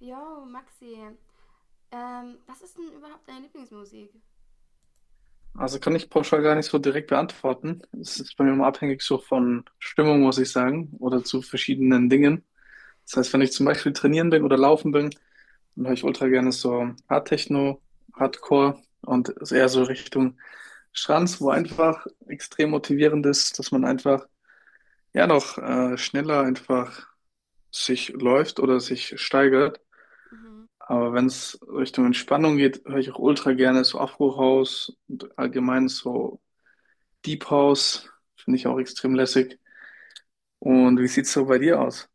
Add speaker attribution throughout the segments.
Speaker 1: Jo, Maxi, was ist denn überhaupt deine Lieblingsmusik?
Speaker 2: Also kann ich pauschal gar nicht so direkt beantworten. Es ist bei mir immer abhängig so von Stimmung, muss ich sagen, oder zu verschiedenen Dingen. Das heißt, wenn ich zum Beispiel trainieren bin oder laufen bin, dann höre ich ultra gerne so Hardtechno,
Speaker 1: Mm.
Speaker 2: Hardcore und ist eher so Richtung Schranz, wo einfach extrem motivierend ist, dass man einfach ja noch schneller einfach sich läuft oder sich steigert.
Speaker 1: Mhm.
Speaker 2: Aber wenn es Richtung Entspannung geht, höre ich auch ultra gerne so Afro House, und allgemein so Deep House finde ich auch extrem lässig. Und wie sieht's so bei dir aus?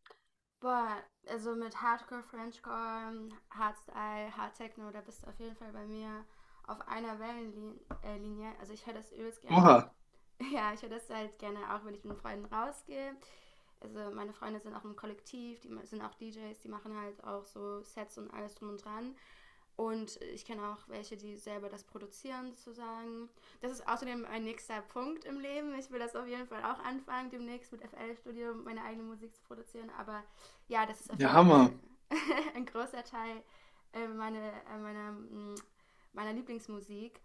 Speaker 1: Boah, also mit Hardcore, Frenchcore, Hardstyle, Hardtechno, da bist du auf jeden Fall bei mir auf einer Wellenlinie. Also ich höre das übelst gern auch.
Speaker 2: Oha,
Speaker 1: Ja, ich höre das halt gerne auch, wenn ich mit Freunden rausgehe. Also meine Freunde sind auch im Kollektiv, sind auch DJs, die machen halt auch so Sets und alles drum und dran. Und ich kenne auch welche, die selber das produzieren, sozusagen. Das ist außerdem ein nächster Punkt im Leben. Ich will das auf jeden Fall auch anfangen, demnächst mit FL-Studium meine eigene Musik zu produzieren. Aber ja, das ist auf
Speaker 2: ja
Speaker 1: jeden Fall
Speaker 2: Hammer.
Speaker 1: ein großer Teil äh, meine, äh, meiner, mm, meiner Lieblingsmusik.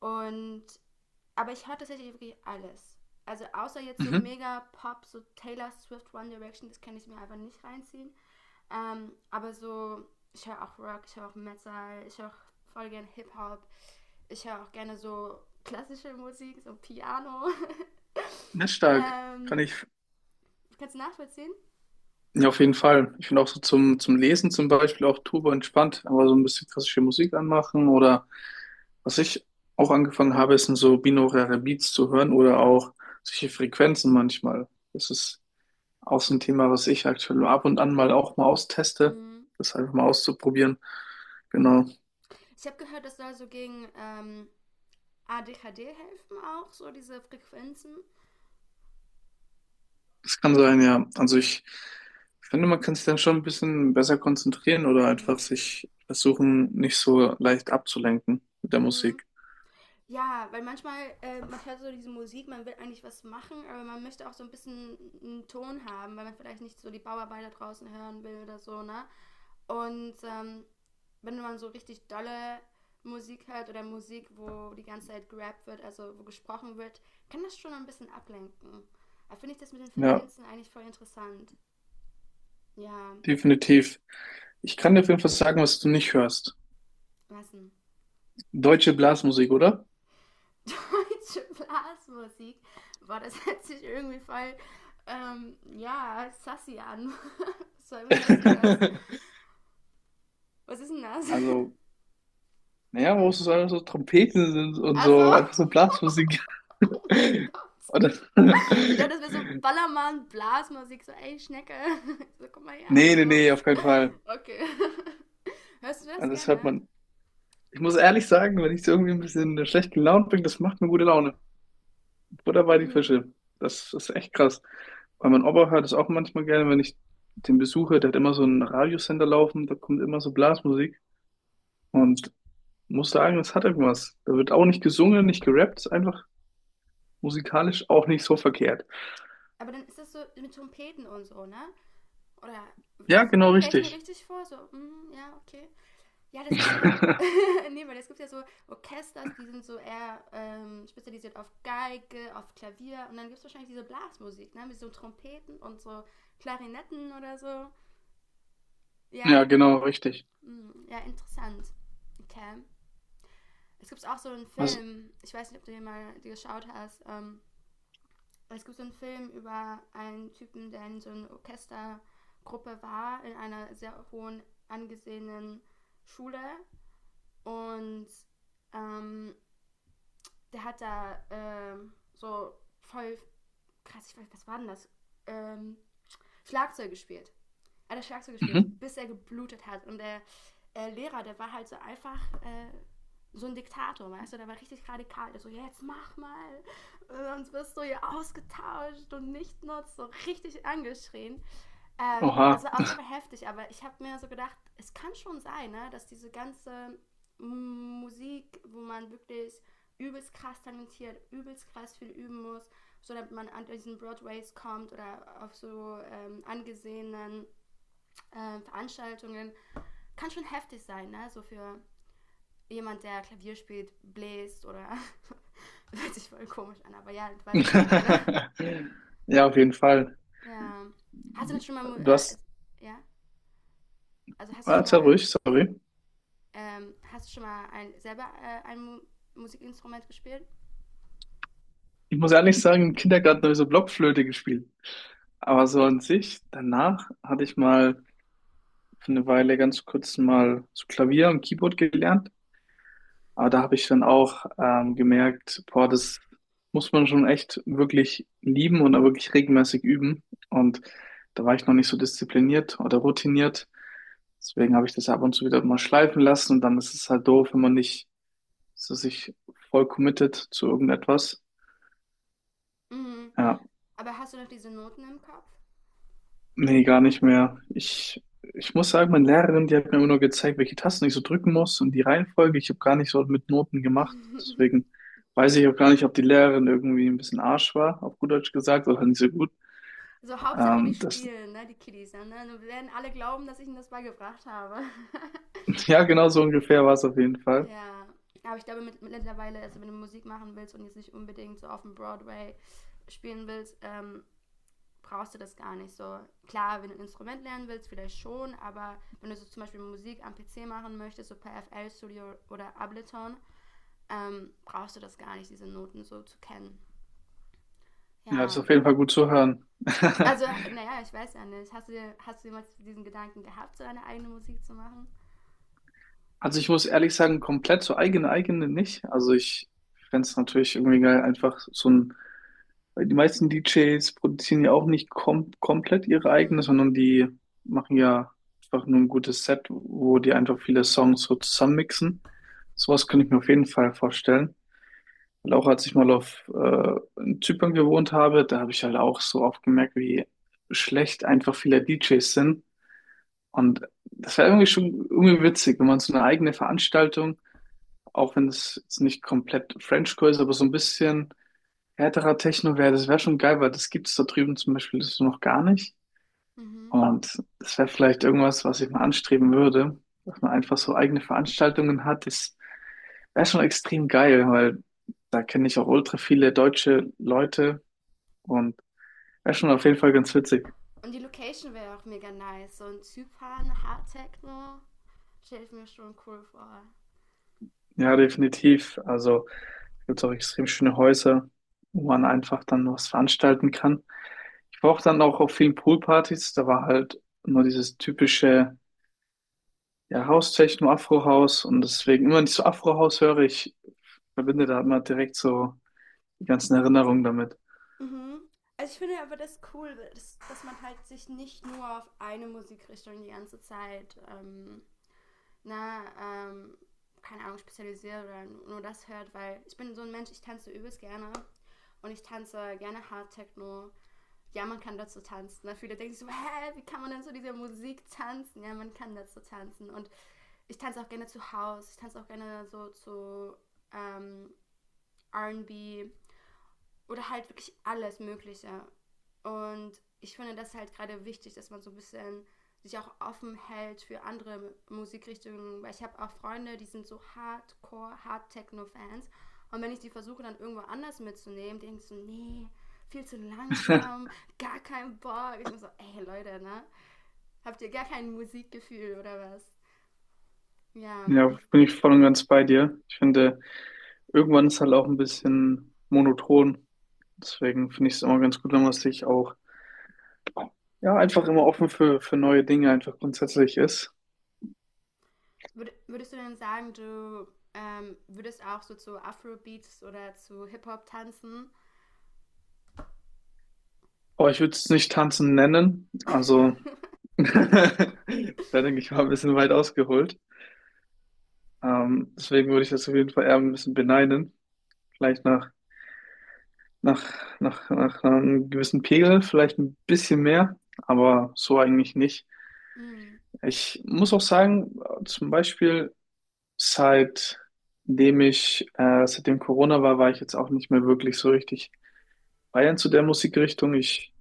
Speaker 1: Und, aber ich höre tatsächlich wirklich alles. Also außer jetzt so
Speaker 2: Mhm.
Speaker 1: mega Pop, so Taylor Swift, One Direction, das kann ich mir einfach nicht reinziehen. Aber so, ich höre auch Rock, ich höre auch Metal, ich höre auch voll gerne Hip-Hop. Ich höre auch gerne so klassische Musik, so Piano.
Speaker 2: Nicht stark. Kann
Speaker 1: ähm,
Speaker 2: ich.
Speaker 1: Kannst du nachvollziehen?
Speaker 2: Ja, auf jeden Fall. Ich finde auch so zum Lesen zum Beispiel auch turbo entspannt, aber so ein bisschen klassische Musik anmachen, oder was ich auch angefangen habe, ist so binaurale Beats zu hören oder auch solche Frequenzen manchmal. Das ist auch so ein Thema, was ich aktuell ab und an mal auch mal austeste,
Speaker 1: Mhm.
Speaker 2: das einfach mal auszuprobieren. Genau.
Speaker 1: Ich habe gehört, das soll so gegen ADHD helfen auch, so diese Frequenzen.
Speaker 2: Das kann sein, ja. Also ich finde, man kann sich dann schon ein bisschen besser konzentrieren oder einfach
Speaker 1: Mhm.
Speaker 2: sich versuchen, nicht so leicht abzulenken mit der
Speaker 1: Mhm.
Speaker 2: Musik.
Speaker 1: Ja, weil manchmal, man hört so diese Musik, man will eigentlich was machen, aber man möchte auch so ein bisschen einen Ton haben, weil man vielleicht nicht so die Bauarbeiter draußen hören will oder so, ne? Und wenn man so richtig dolle Musik hört oder Musik, wo die ganze Zeit gerappt wird, also wo gesprochen wird, kann das schon ein bisschen ablenken. Da finde ich das mit den
Speaker 2: Ja,
Speaker 1: Frequenzen eigentlich voll interessant. Ja,
Speaker 2: definitiv. Ich kann dir auf jeden Fall sagen, was du nicht hörst.
Speaker 1: lassen.
Speaker 2: Deutsche Blasmusik, oder?
Speaker 1: Deutsche Blasmusik. Boah, das hört sich irgendwie voll, ja, sassy an. Was soll, was heißt denn das? Was ist denn das?
Speaker 2: Also, naja, wo
Speaker 1: Ja.
Speaker 2: es so einfach so Trompeten sind und
Speaker 1: Also.
Speaker 2: so, einfach so Blasmusik.
Speaker 1: Oh mein Gott.
Speaker 2: Oder?
Speaker 1: Ich dachte, das wäre so Ballermann, Blasmusik, so ey, Schnecke. So, komm mal her
Speaker 2: Nee,
Speaker 1: oder
Speaker 2: nee, nee,
Speaker 1: sowas.
Speaker 2: auf keinen Fall.
Speaker 1: Okay. Hörst du das
Speaker 2: Also das hört
Speaker 1: gerne?
Speaker 2: man. Ich muss ehrlich sagen, wenn ich so irgendwie ein bisschen schlecht gelaunt bin, das macht mir gute Laune. Butter die
Speaker 1: Mhm.
Speaker 2: Fische. Das ist echt krass. Weil mein Opa hört es auch manchmal gerne, wenn ich den besuche. Der hat immer so einen Radiosender laufen, da kommt immer so Blasmusik. Und muss sagen, das hat irgendwas. Da wird auch nicht gesungen, nicht gerappt, ist einfach musikalisch auch nicht so verkehrt.
Speaker 1: Aber dann ist das so mit Trompeten und so, ne? Oder
Speaker 2: Ja, genau
Speaker 1: stell ich mir
Speaker 2: richtig.
Speaker 1: richtig vor, so, mm, ja, okay. Ja, das ist ja, nee, weil es gibt ja so Orchesters, die sind so eher spezialisiert auf Geige, auf Klavier und dann gibt es wahrscheinlich diese Blasmusik, ne? Mit so Trompeten und so Klarinetten oder so. Ja?
Speaker 2: Ja, genau richtig.
Speaker 1: Mm, ja, interessant. Okay. Es gibt auch so einen
Speaker 2: Was?
Speaker 1: Film, ich weiß nicht, ob du den mal geschaut hast. Es gibt so einen Film über einen Typen, der in so einer Orchestergruppe war, in einer sehr hohen angesehenen Schule. Und ähm, der hat da so voll krass, ich weiß, was war denn das? Ähm, Schlagzeug gespielt. Hat er Schlagzeug gespielt, so,
Speaker 2: Mhm.
Speaker 1: bis er geblutet hat. Und der Lehrer, der war halt so einfach so ein Diktator, weißt du, der war richtig radikal. Der so, ja, jetzt mach mal, sonst wirst du hier ausgetauscht und nicht nutzt, so richtig angeschrien.
Speaker 2: Oha.
Speaker 1: Es auf jeden Fall heftig, aber ich habe mir so gedacht, es kann schon sein, ne, dass diese ganze Musik, wo man wirklich übelst krass talentiert, übelst krass viel üben muss, so damit man an diesen Broadways kommt oder auf so angesehenen Veranstaltungen kann schon heftig sein, ne? So für jemand, der Klavier spielt, bläst oder hört sich voll komisch an, aber ja, du weißt, was ich meine.
Speaker 2: Ja, auf jeden Fall.
Speaker 1: Ja. Hast du schon mal,
Speaker 2: Du hast,
Speaker 1: ja? Also hast du schon
Speaker 2: warte
Speaker 1: mal,
Speaker 2: ruhig, sorry.
Speaker 1: hast du schon mal ein, selber ein Mu Musikinstrument gespielt?
Speaker 2: Ich muss ehrlich sagen, im Kindergarten habe ich so Blockflöte gespielt. Aber so an sich, danach hatte ich mal für eine Weile ganz kurz mal so Klavier und Keyboard gelernt. Aber da habe ich dann auch gemerkt, boah, das muss man schon echt wirklich lieben und auch wirklich regelmäßig üben. Und da war ich noch nicht so diszipliniert oder routiniert. Deswegen habe ich das ab und zu wieder mal schleifen lassen. Und dann ist es halt doof, wenn man nicht so sich voll committet zu irgendetwas.
Speaker 1: Mhm.
Speaker 2: Ja.
Speaker 1: Aber hast du noch diese Noten im Kopf?
Speaker 2: Nee, gar nicht mehr. Ich muss sagen, meine Lehrerin, die hat mir immer nur gezeigt, welche Tasten ich so drücken muss und die Reihenfolge. Ich habe gar nicht so mit Noten gemacht. Deswegen weiß ich auch gar nicht, ob die Lehrerin irgendwie ein bisschen Arsch war, auf gut Deutsch gesagt, oder nicht so gut.
Speaker 1: So Hauptsache die
Speaker 2: Ähm, das,
Speaker 1: spielen, ne? Die Kiddies, ne? Dann werden alle glauben, dass ich ihnen das beigebracht habe.
Speaker 2: ja, genau so ungefähr war es auf jeden Fall.
Speaker 1: Ja, aber ich glaube mittlerweile, also wenn du Musik machen willst und jetzt nicht unbedingt so auf dem Broadway spielen willst, brauchst du das gar nicht so. Klar, wenn du ein Instrument lernen willst, vielleicht schon, aber wenn du so zum Beispiel Musik am PC machen möchtest, so per FL Studio oder Ableton, brauchst du das gar nicht, diese Noten so zu kennen.
Speaker 2: Ja,
Speaker 1: Ja.
Speaker 2: ist auf jeden Fall gut zu hören.
Speaker 1: Also, naja, ich weiß ja nicht. Hast du jemals diesen Gedanken gehabt, so deine eigene Musik zu machen?
Speaker 2: Also ich muss ehrlich sagen, komplett so eigene eigene nicht. Also ich fänd's es natürlich irgendwie geil, einfach so ein, weil die meisten DJs produzieren ja auch nicht komplett ihre eigene,
Speaker 1: Mhm.
Speaker 2: sondern die machen ja einfach nur ein gutes Set, wo die einfach viele Songs so zusammenmixen. Sowas könnte ich mir auf jeden Fall vorstellen. Weil auch als ich mal auf in Zypern gewohnt habe, da habe ich halt auch so oft gemerkt, wie schlecht einfach viele DJs sind. Und das wäre irgendwie schon irgendwie witzig, wenn man so eine eigene Veranstaltung, auch wenn es jetzt nicht komplett Frenchcore ist, aber so ein bisschen härterer Techno wäre, das wäre schon geil, weil das gibt es da drüben zum Beispiel so noch gar nicht.
Speaker 1: Mhm.
Speaker 2: Und das wäre vielleicht irgendwas, was ich mal anstreben würde, dass man einfach so eigene Veranstaltungen hat. Das wäre schon extrem geil, weil da kenne ich auch ultra viele deutsche Leute und wäre schon auf jeden Fall ganz witzig.
Speaker 1: Und die Location wäre auch mega nice. So in Zypern, Hard Techno. Stelle ich mir schon cool vor.
Speaker 2: Ja, definitiv. Also gibt es auch extrem schöne Häuser, wo man einfach dann was veranstalten kann. Ich war auch dann auch auf vielen Poolpartys, da war halt nur dieses typische, ja, House-Techno, Afro-House, und deswegen immer, wenn ich so Afro-House höre, ich verbinde da immer direkt so die ganzen Erinnerungen damit.
Speaker 1: Mhm. Also ich finde aber das cool, dass man halt sich nicht nur auf eine Musikrichtung die ganze Zeit, na, ähm, keine Ahnung, spezialisiert oder nur das hört, weil ich bin so ein Mensch, ich tanze übelst gerne und ich tanze gerne Hard Techno. Ja, man kann dazu tanzen. Ne? Viele denken so, hä, wie kann man denn so diese Musik tanzen? Ja, man kann dazu tanzen. Und ich tanze auch gerne zu House, ich tanze auch gerne so zu ähm, RB, oder halt wirklich alles Mögliche. Und ich finde das halt gerade wichtig, dass man so ein bisschen sich auch offen hält für andere Musikrichtungen, weil ich habe auch Freunde, die sind so Hardcore, Hard Techno Fans und wenn ich die versuche dann irgendwo anders mitzunehmen, denke ich so, nee, viel zu langsam, gar kein Bock. Ich bin so, ey Leute, ne? Habt ihr gar kein Musikgefühl oder was? Ja,
Speaker 2: Ja, bin ich voll und ganz bei dir. Ich finde, irgendwann ist halt auch ein bisschen monoton. Deswegen finde ich es immer ganz gut, wenn man sich auch, ja, einfach immer offen für neue Dinge einfach grundsätzlich ist.
Speaker 1: würdest du denn sagen, du würdest auch so zu Afrobeats oder zu Hip-Hop tanzen?
Speaker 2: Aber ich würde es nicht tanzen nennen. Also, da denke ich mal ein bisschen weit ausgeholt. Deswegen würde ich das auf jeden Fall eher ein bisschen beneiden. Vielleicht nach einem gewissen Pegel, vielleicht ein bisschen mehr, aber so eigentlich nicht.
Speaker 1: Mhm.
Speaker 2: Ich muss auch sagen, zum Beispiel seitdem Corona war, war ich jetzt auch nicht mehr wirklich so richtig Bayern zu der Musikrichtung. Ich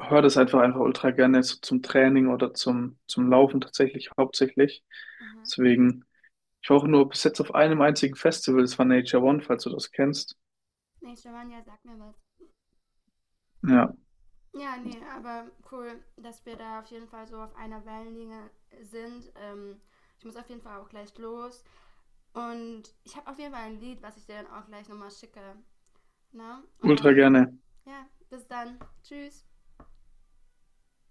Speaker 2: höre das einfach ultra gerne so zum Training oder zum Laufen tatsächlich hauptsächlich.
Speaker 1: Aha.
Speaker 2: Deswegen, ich war auch nur bis jetzt auf einem einzigen Festival, das war Nature One, falls du das kennst.
Speaker 1: Nee, Giovanni sagt mir was.
Speaker 2: Ja,
Speaker 1: Ja, nee, aber cool, dass wir da auf jeden Fall so auf einer Wellenlinie sind. Ich muss auf jeden Fall auch gleich los. Und ich habe auf jeden Fall ein Lied, was ich dir dann auch gleich nochmal schicke. Ne? Und
Speaker 2: ultra
Speaker 1: dann,
Speaker 2: gerne.
Speaker 1: ja, bis dann. Tschüss.